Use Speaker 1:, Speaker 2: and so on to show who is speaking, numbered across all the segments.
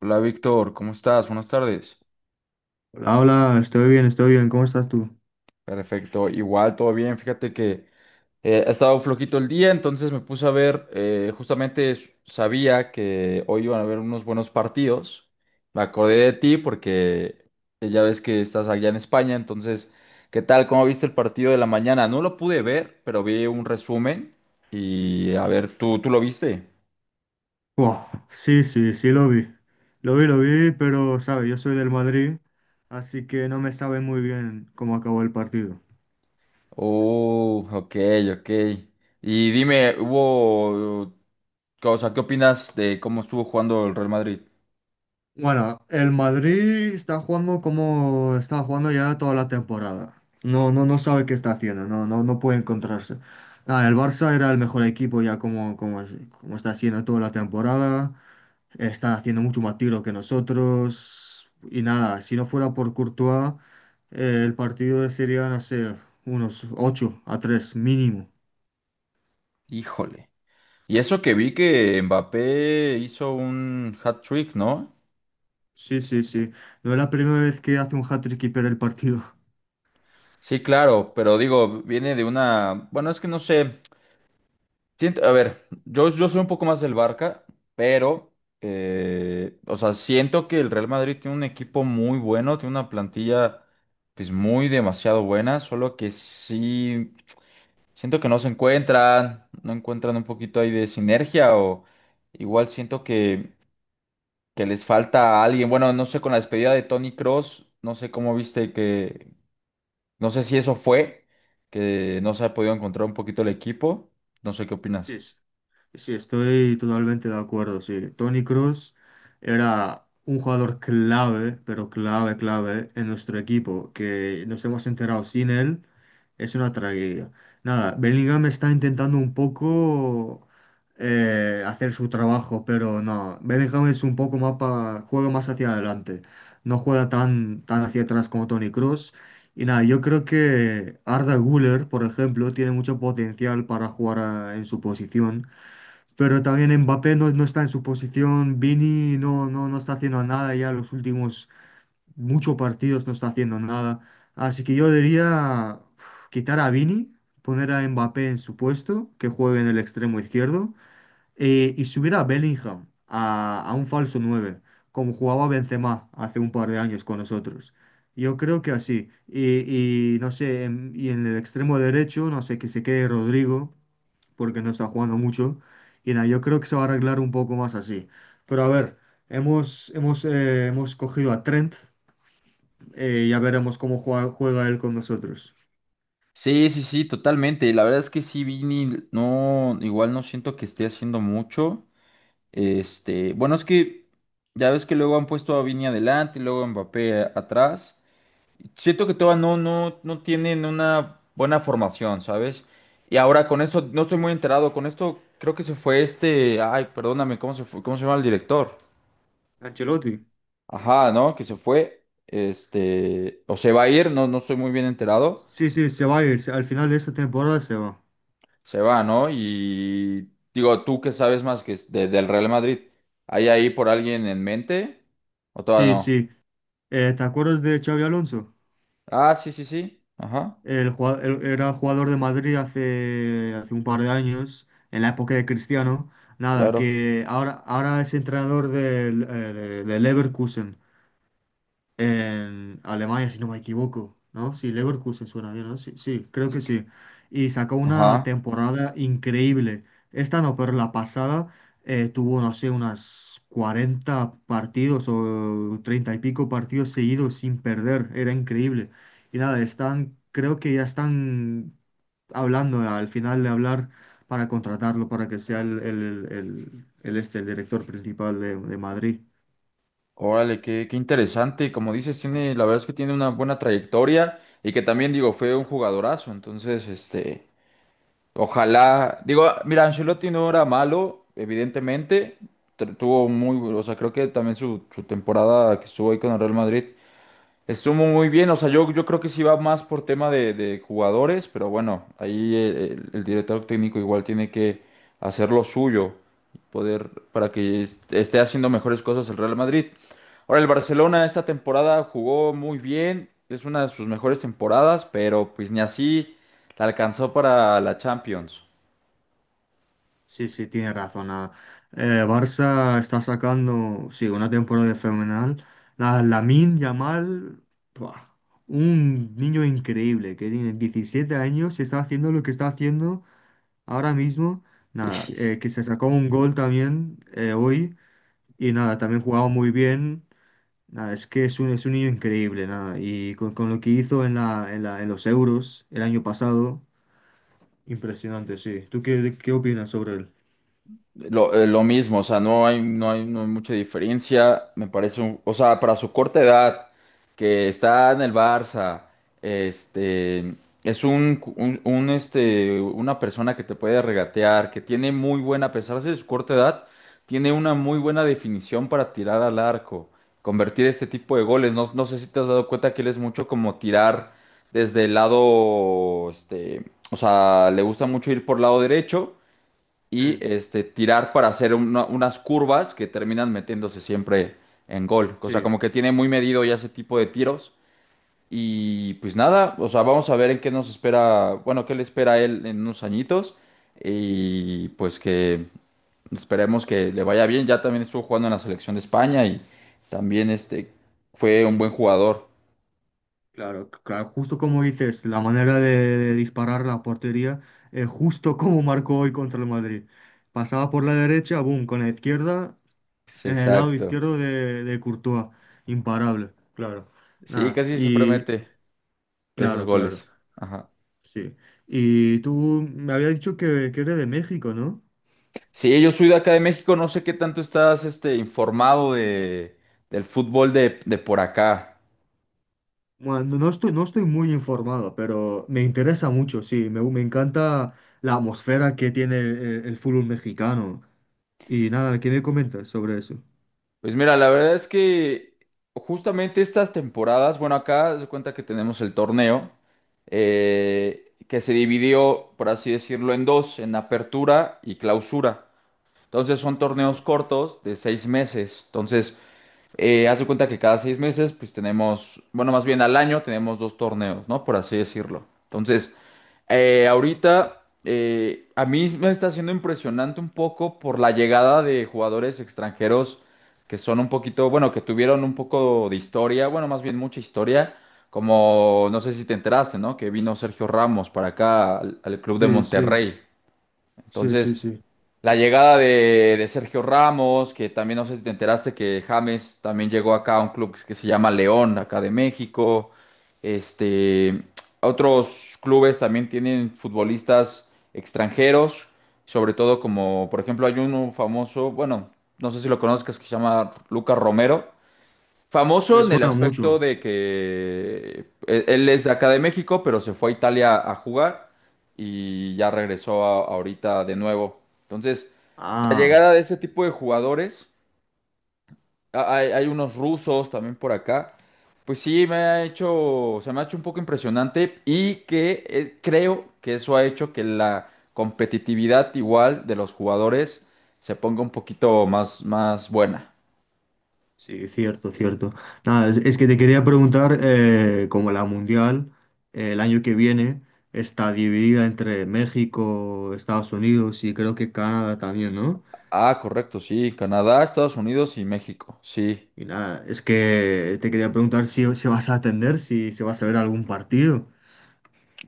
Speaker 1: Hola Víctor, ¿cómo estás? Buenas tardes.
Speaker 2: Hola, hola, estoy bien, ¿cómo estás tú?
Speaker 1: Perfecto, igual todo bien. Fíjate que ha estado flojito el día, entonces me puse a ver, justamente sabía que hoy iban a haber unos buenos partidos. Me acordé de ti porque ya ves que estás allá en España, entonces, ¿qué tal? ¿Cómo viste el partido de la mañana? No lo pude ver, pero vi un resumen y a ver, ¿tú lo viste?
Speaker 2: Buah, sí, sí, sí lo vi. Lo vi, lo vi, pero, sabe, yo soy del Madrid, así que no me sabe muy bien cómo acabó el partido.
Speaker 1: Ok, ok. Y dime, o sea, ¿qué opinas de cómo estuvo jugando el Real Madrid?
Speaker 2: Bueno, el Madrid está jugando como está jugando ya toda la temporada. No, no, no sabe qué está haciendo, no, no, no puede encontrarse. Nada, el Barça era el mejor equipo ya como está haciendo toda la temporada. Están haciendo mucho más tiro que nosotros. Y nada, si no fuera por Courtois, el partido sería, no sé, unos 8-3 mínimo.
Speaker 1: Híjole. Y eso que vi que Mbappé hizo un hat-trick, ¿no?
Speaker 2: Sí, sí, sí. No es la primera vez que hace un hat-trick y pierde el partido.
Speaker 1: Sí, claro, pero digo, viene de una, bueno, es que no sé, siento, a ver, yo soy un poco más del Barca, pero, o sea, siento que el Real Madrid tiene un equipo muy bueno, tiene una plantilla, pues, muy demasiado buena, solo que sí. Siento que no se encuentran, no encuentran un poquito ahí de sinergia o igual siento que les falta alguien. Bueno, no sé, con la despedida de Tony Cross, no sé cómo viste que, no sé si eso fue, que no se ha podido encontrar un poquito el equipo. No sé qué
Speaker 2: Sí,
Speaker 1: opinas.
Speaker 2: sí, sí, estoy totalmente de acuerdo. Sí, Toni Kroos era un jugador clave, pero clave, clave en nuestro equipo, que nos hemos enterado sin él. Es una tragedia. Nada, Bellingham está intentando un poco hacer su trabajo, pero no. Bellingham es un poco más juega más hacia adelante. No juega tan, tan hacia atrás como Tony Cross. Y nada, yo creo que Arda Güler, por ejemplo, tiene mucho potencial para jugar en su posición. Pero también Mbappé no está en su posición. Vini no está haciendo nada ya los últimos muchos partidos no está haciendo nada. Así que yo diría uf, quitar a Vini, poner a Mbappé en su puesto, que juegue en el extremo izquierdo, y subir a Bellingham a un falso 9, como jugaba Benzema hace un par de años con nosotros. Yo creo que así. Y no sé, y en el extremo derecho, no sé, que se quede Rodrigo, porque no está jugando mucho. Y nada, yo creo que se va a arreglar un poco más así. Pero a ver. Hemos cogido a Trent, ya veremos cómo juega él con nosotros.
Speaker 1: Sí, sí, sí, totalmente. La verdad es que sí, Vini, no, igual no siento que esté haciendo mucho. Este, bueno, es que ya ves que luego han puesto a Vini adelante y luego a Mbappé atrás. Siento que todavía no, no, no tienen una buena formación, ¿sabes? Y ahora con esto, no estoy muy enterado, con esto creo que se fue este, ay, perdóname, ¿cómo se fue? ¿Cómo se llama el director?
Speaker 2: Ancelotti.
Speaker 1: Ajá, ¿no? Que se fue, este, o se va a ir, no, no estoy muy bien enterado,
Speaker 2: Sí, sí, se va a ir. Al final de esta temporada se va.
Speaker 1: se va, ¿no? Y digo, tú que sabes más que es del Real Madrid, ¿hay ahí por alguien en mente? ¿O todavía
Speaker 2: Sí,
Speaker 1: no?
Speaker 2: sí. ¿Te acuerdas de Xavi Alonso?
Speaker 1: Ah, sí, sí, sí, ajá,
Speaker 2: Él era jugador de Madrid hace un par de años, en la época de Cristiano. Nada,
Speaker 1: claro.
Speaker 2: que ahora es entrenador del Leverkusen. En Alemania, si no me equivoco, ¿no? Sí, Leverkusen suena bien, ¿no? Sí, sí, creo
Speaker 1: Es
Speaker 2: que
Speaker 1: que-
Speaker 2: sí. Y sacó una
Speaker 1: Ajá.
Speaker 2: temporada increíble. Esta no, pero la pasada tuvo, no sé, unas 40 partidos o 30 y pico partidos seguidos sin perder. Era increíble. Y nada, están, creo que ya están hablando, al final de hablar, para contratarlo, para que sea el director principal de Madrid.
Speaker 1: Órale, qué interesante. Como dices, tiene, la verdad es que tiene una buena trayectoria y que también, digo, fue un jugadorazo. Entonces, este, ojalá, digo, ah, mira, Ancelotti no era malo, evidentemente. Tuvo muy, o sea, creo que también su temporada que estuvo ahí con el Real Madrid. Estuvo muy bien, o sea, yo creo que sí va más por tema de jugadores, pero bueno, ahí el director técnico igual tiene que hacer lo suyo, poder para que esté haciendo mejores cosas el Real Madrid. Ahora, el Barcelona esta temporada jugó muy bien, es una de sus mejores temporadas, pero pues ni así la alcanzó para la Champions.
Speaker 2: Sí, sí, tiene razón. Nada. Barça está sacando, sí, una temporada fenomenal. La Lamine Yamal, ¡buah! Un niño increíble que tiene 17 años y está haciendo lo que está haciendo ahora mismo. Nada, que se sacó un gol también hoy y nada, también jugaba muy bien. Nada, es que es un niño increíble, nada. Y con lo que hizo en la, en los Euros el año pasado, impresionante, sí. ¿Tú qué opinas sobre él?
Speaker 1: Lo mismo, o sea, no hay mucha diferencia. Me parece o sea, para su corta edad, que está en el Barça, este, es una persona que te puede regatear, que tiene muy buena, a pesar de su corta edad, tiene una muy buena definición para tirar al arco, convertir este tipo de goles. No, no sé si te has dado cuenta que él es mucho como tirar desde el lado, este, o sea, le gusta mucho ir por lado derecho y
Speaker 2: Mm,
Speaker 1: este, tirar para hacer unas curvas que terminan metiéndose siempre en gol. O sea,
Speaker 2: sí.
Speaker 1: como que tiene muy medido ya ese tipo de tiros. Y pues nada, o sea, vamos a ver en qué nos espera, bueno, qué le espera a él en unos añitos. Y pues que esperemos que le vaya bien. Ya también estuvo jugando en la selección de España y también este fue un buen jugador.
Speaker 2: Claro, claro, justo como dices, la manera de disparar la portería, justo como marcó hoy contra el Madrid. Pasaba por la derecha, boom, con la izquierda,
Speaker 1: Sí,
Speaker 2: en el lado
Speaker 1: exacto.
Speaker 2: izquierdo de Courtois, imparable, claro.
Speaker 1: Sí,
Speaker 2: Nada,
Speaker 1: casi siempre
Speaker 2: y
Speaker 1: mete esos
Speaker 2: claro, claro,
Speaker 1: goles. Ajá.
Speaker 2: sí. Y tú me había dicho que eres de México, ¿no?
Speaker 1: Sí, yo soy de acá de México, no sé qué tanto estás este, informado de, del fútbol de por acá.
Speaker 2: Bueno, no estoy muy informado, pero me interesa mucho, sí, me encanta la atmósfera que tiene el fútbol mexicano. Y nada, ¿qué me comentas sobre eso?
Speaker 1: Pues mira, la verdad es que justamente estas temporadas, bueno, acá se cuenta que tenemos el torneo que se dividió, por así decirlo, en dos, en apertura y clausura. Entonces son torneos
Speaker 2: Ajá.
Speaker 1: cortos de 6 meses. Entonces, haz de cuenta que cada 6 meses, pues tenemos, bueno, más bien al año tenemos dos torneos, ¿no? Por así decirlo. Entonces. Ahorita a mí me está siendo impresionante un poco por la llegada de jugadores extranjeros que son un poquito, bueno, que tuvieron un poco de historia, bueno, más bien mucha historia, como no sé si te enteraste, ¿no? Que vino Sergio Ramos para acá al club de
Speaker 2: Sí, sí,
Speaker 1: Monterrey.
Speaker 2: sí, sí,
Speaker 1: Entonces,
Speaker 2: sí.
Speaker 1: la llegada de Sergio Ramos, que también no sé si te enteraste que James también llegó acá a un club que se llama León, acá de México. Este, otros clubes también tienen futbolistas extranjeros, sobre todo como, por ejemplo, hay uno famoso, bueno, no sé si lo conozcas, que se llama Lucas Romero. Famoso
Speaker 2: Me
Speaker 1: en el
Speaker 2: suena
Speaker 1: aspecto
Speaker 2: mucho.
Speaker 1: de que él es de acá de México, pero se fue a Italia a jugar y ya regresó ahorita de nuevo. Entonces, la
Speaker 2: Ah,
Speaker 1: llegada de ese tipo de jugadores, hay unos rusos también por acá, pues sí me ha hecho, se me ha hecho un poco impresionante y que creo que eso ha hecho que la competitividad igual de los jugadores se ponga un poquito más buena.
Speaker 2: sí, cierto, cierto. Nada, es que te quería preguntar, como la Mundial, el año que viene está dividida entre México, Estados Unidos y creo que Canadá también, ¿no?
Speaker 1: Ah, correcto, sí, Canadá, Estados Unidos y México, sí.
Speaker 2: Y nada, es que te quería preguntar si vas a atender, si vas a ver algún partido.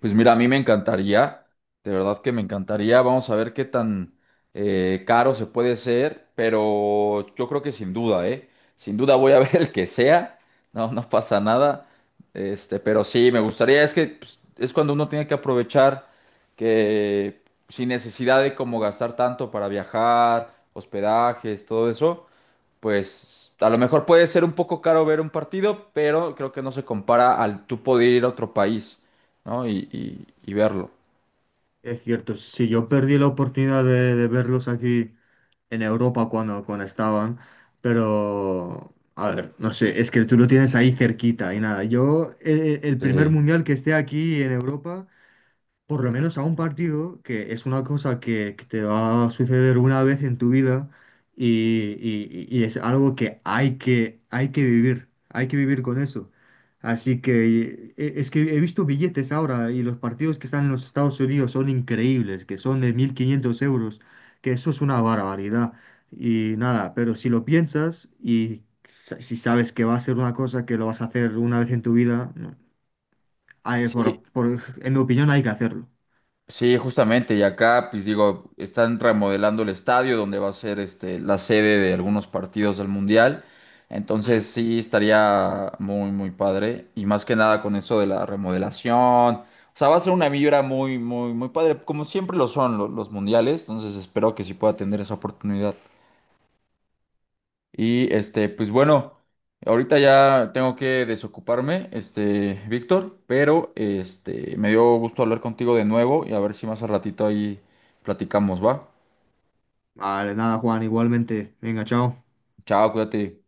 Speaker 1: Pues mira, a mí me encantaría, de verdad que me encantaría. Vamos a ver qué tan caro se puede ser, pero yo creo que sin duda, ¿eh? Sin duda voy a ver el que sea, no, no pasa nada. Este, pero sí, me gustaría, es que pues, es cuando uno tiene que aprovechar que sin necesidad de como gastar tanto para viajar, hospedajes, todo eso, pues a lo mejor puede ser un poco caro ver un partido, pero creo que no se compara al tú poder ir a otro país, ¿no? Y verlo.
Speaker 2: Es cierto, si yo perdí la oportunidad de verlos aquí en Europa cuando estaban, pero a ver, no sé, es que tú lo tienes ahí cerquita y nada, yo el primer
Speaker 1: Sí,
Speaker 2: mundial que esté aquí en Europa por lo menos a un partido, que es una cosa que te va a suceder una vez en tu vida y es algo que hay que vivir con eso. Así que es que he visto billetes ahora y los partidos que están en los Estados Unidos son increíbles, que son de 1.500 euros, que eso es una barbaridad. Y nada, pero si lo piensas y si sabes que va a ser una cosa que lo vas a hacer una vez en tu vida, no,
Speaker 1: sí,
Speaker 2: en mi opinión hay que hacerlo.
Speaker 1: sí, justamente. Y acá, pues digo, están remodelando el estadio donde va a ser este, la sede de algunos partidos del Mundial. Entonces sí estaría muy, muy padre. Y más que nada con eso de la remodelación. O sea, va a ser una vibra muy, muy, muy padre, como siempre lo son los mundiales. Entonces espero que sí pueda tener esa oportunidad. Y este, pues bueno, ahorita ya tengo que desocuparme, este, Víctor, pero este, me dio gusto hablar contigo de nuevo y a ver si más al ratito ahí platicamos, ¿va?
Speaker 2: Vale, nada, Juan, igualmente. Venga, chao.
Speaker 1: Chao, cuídate.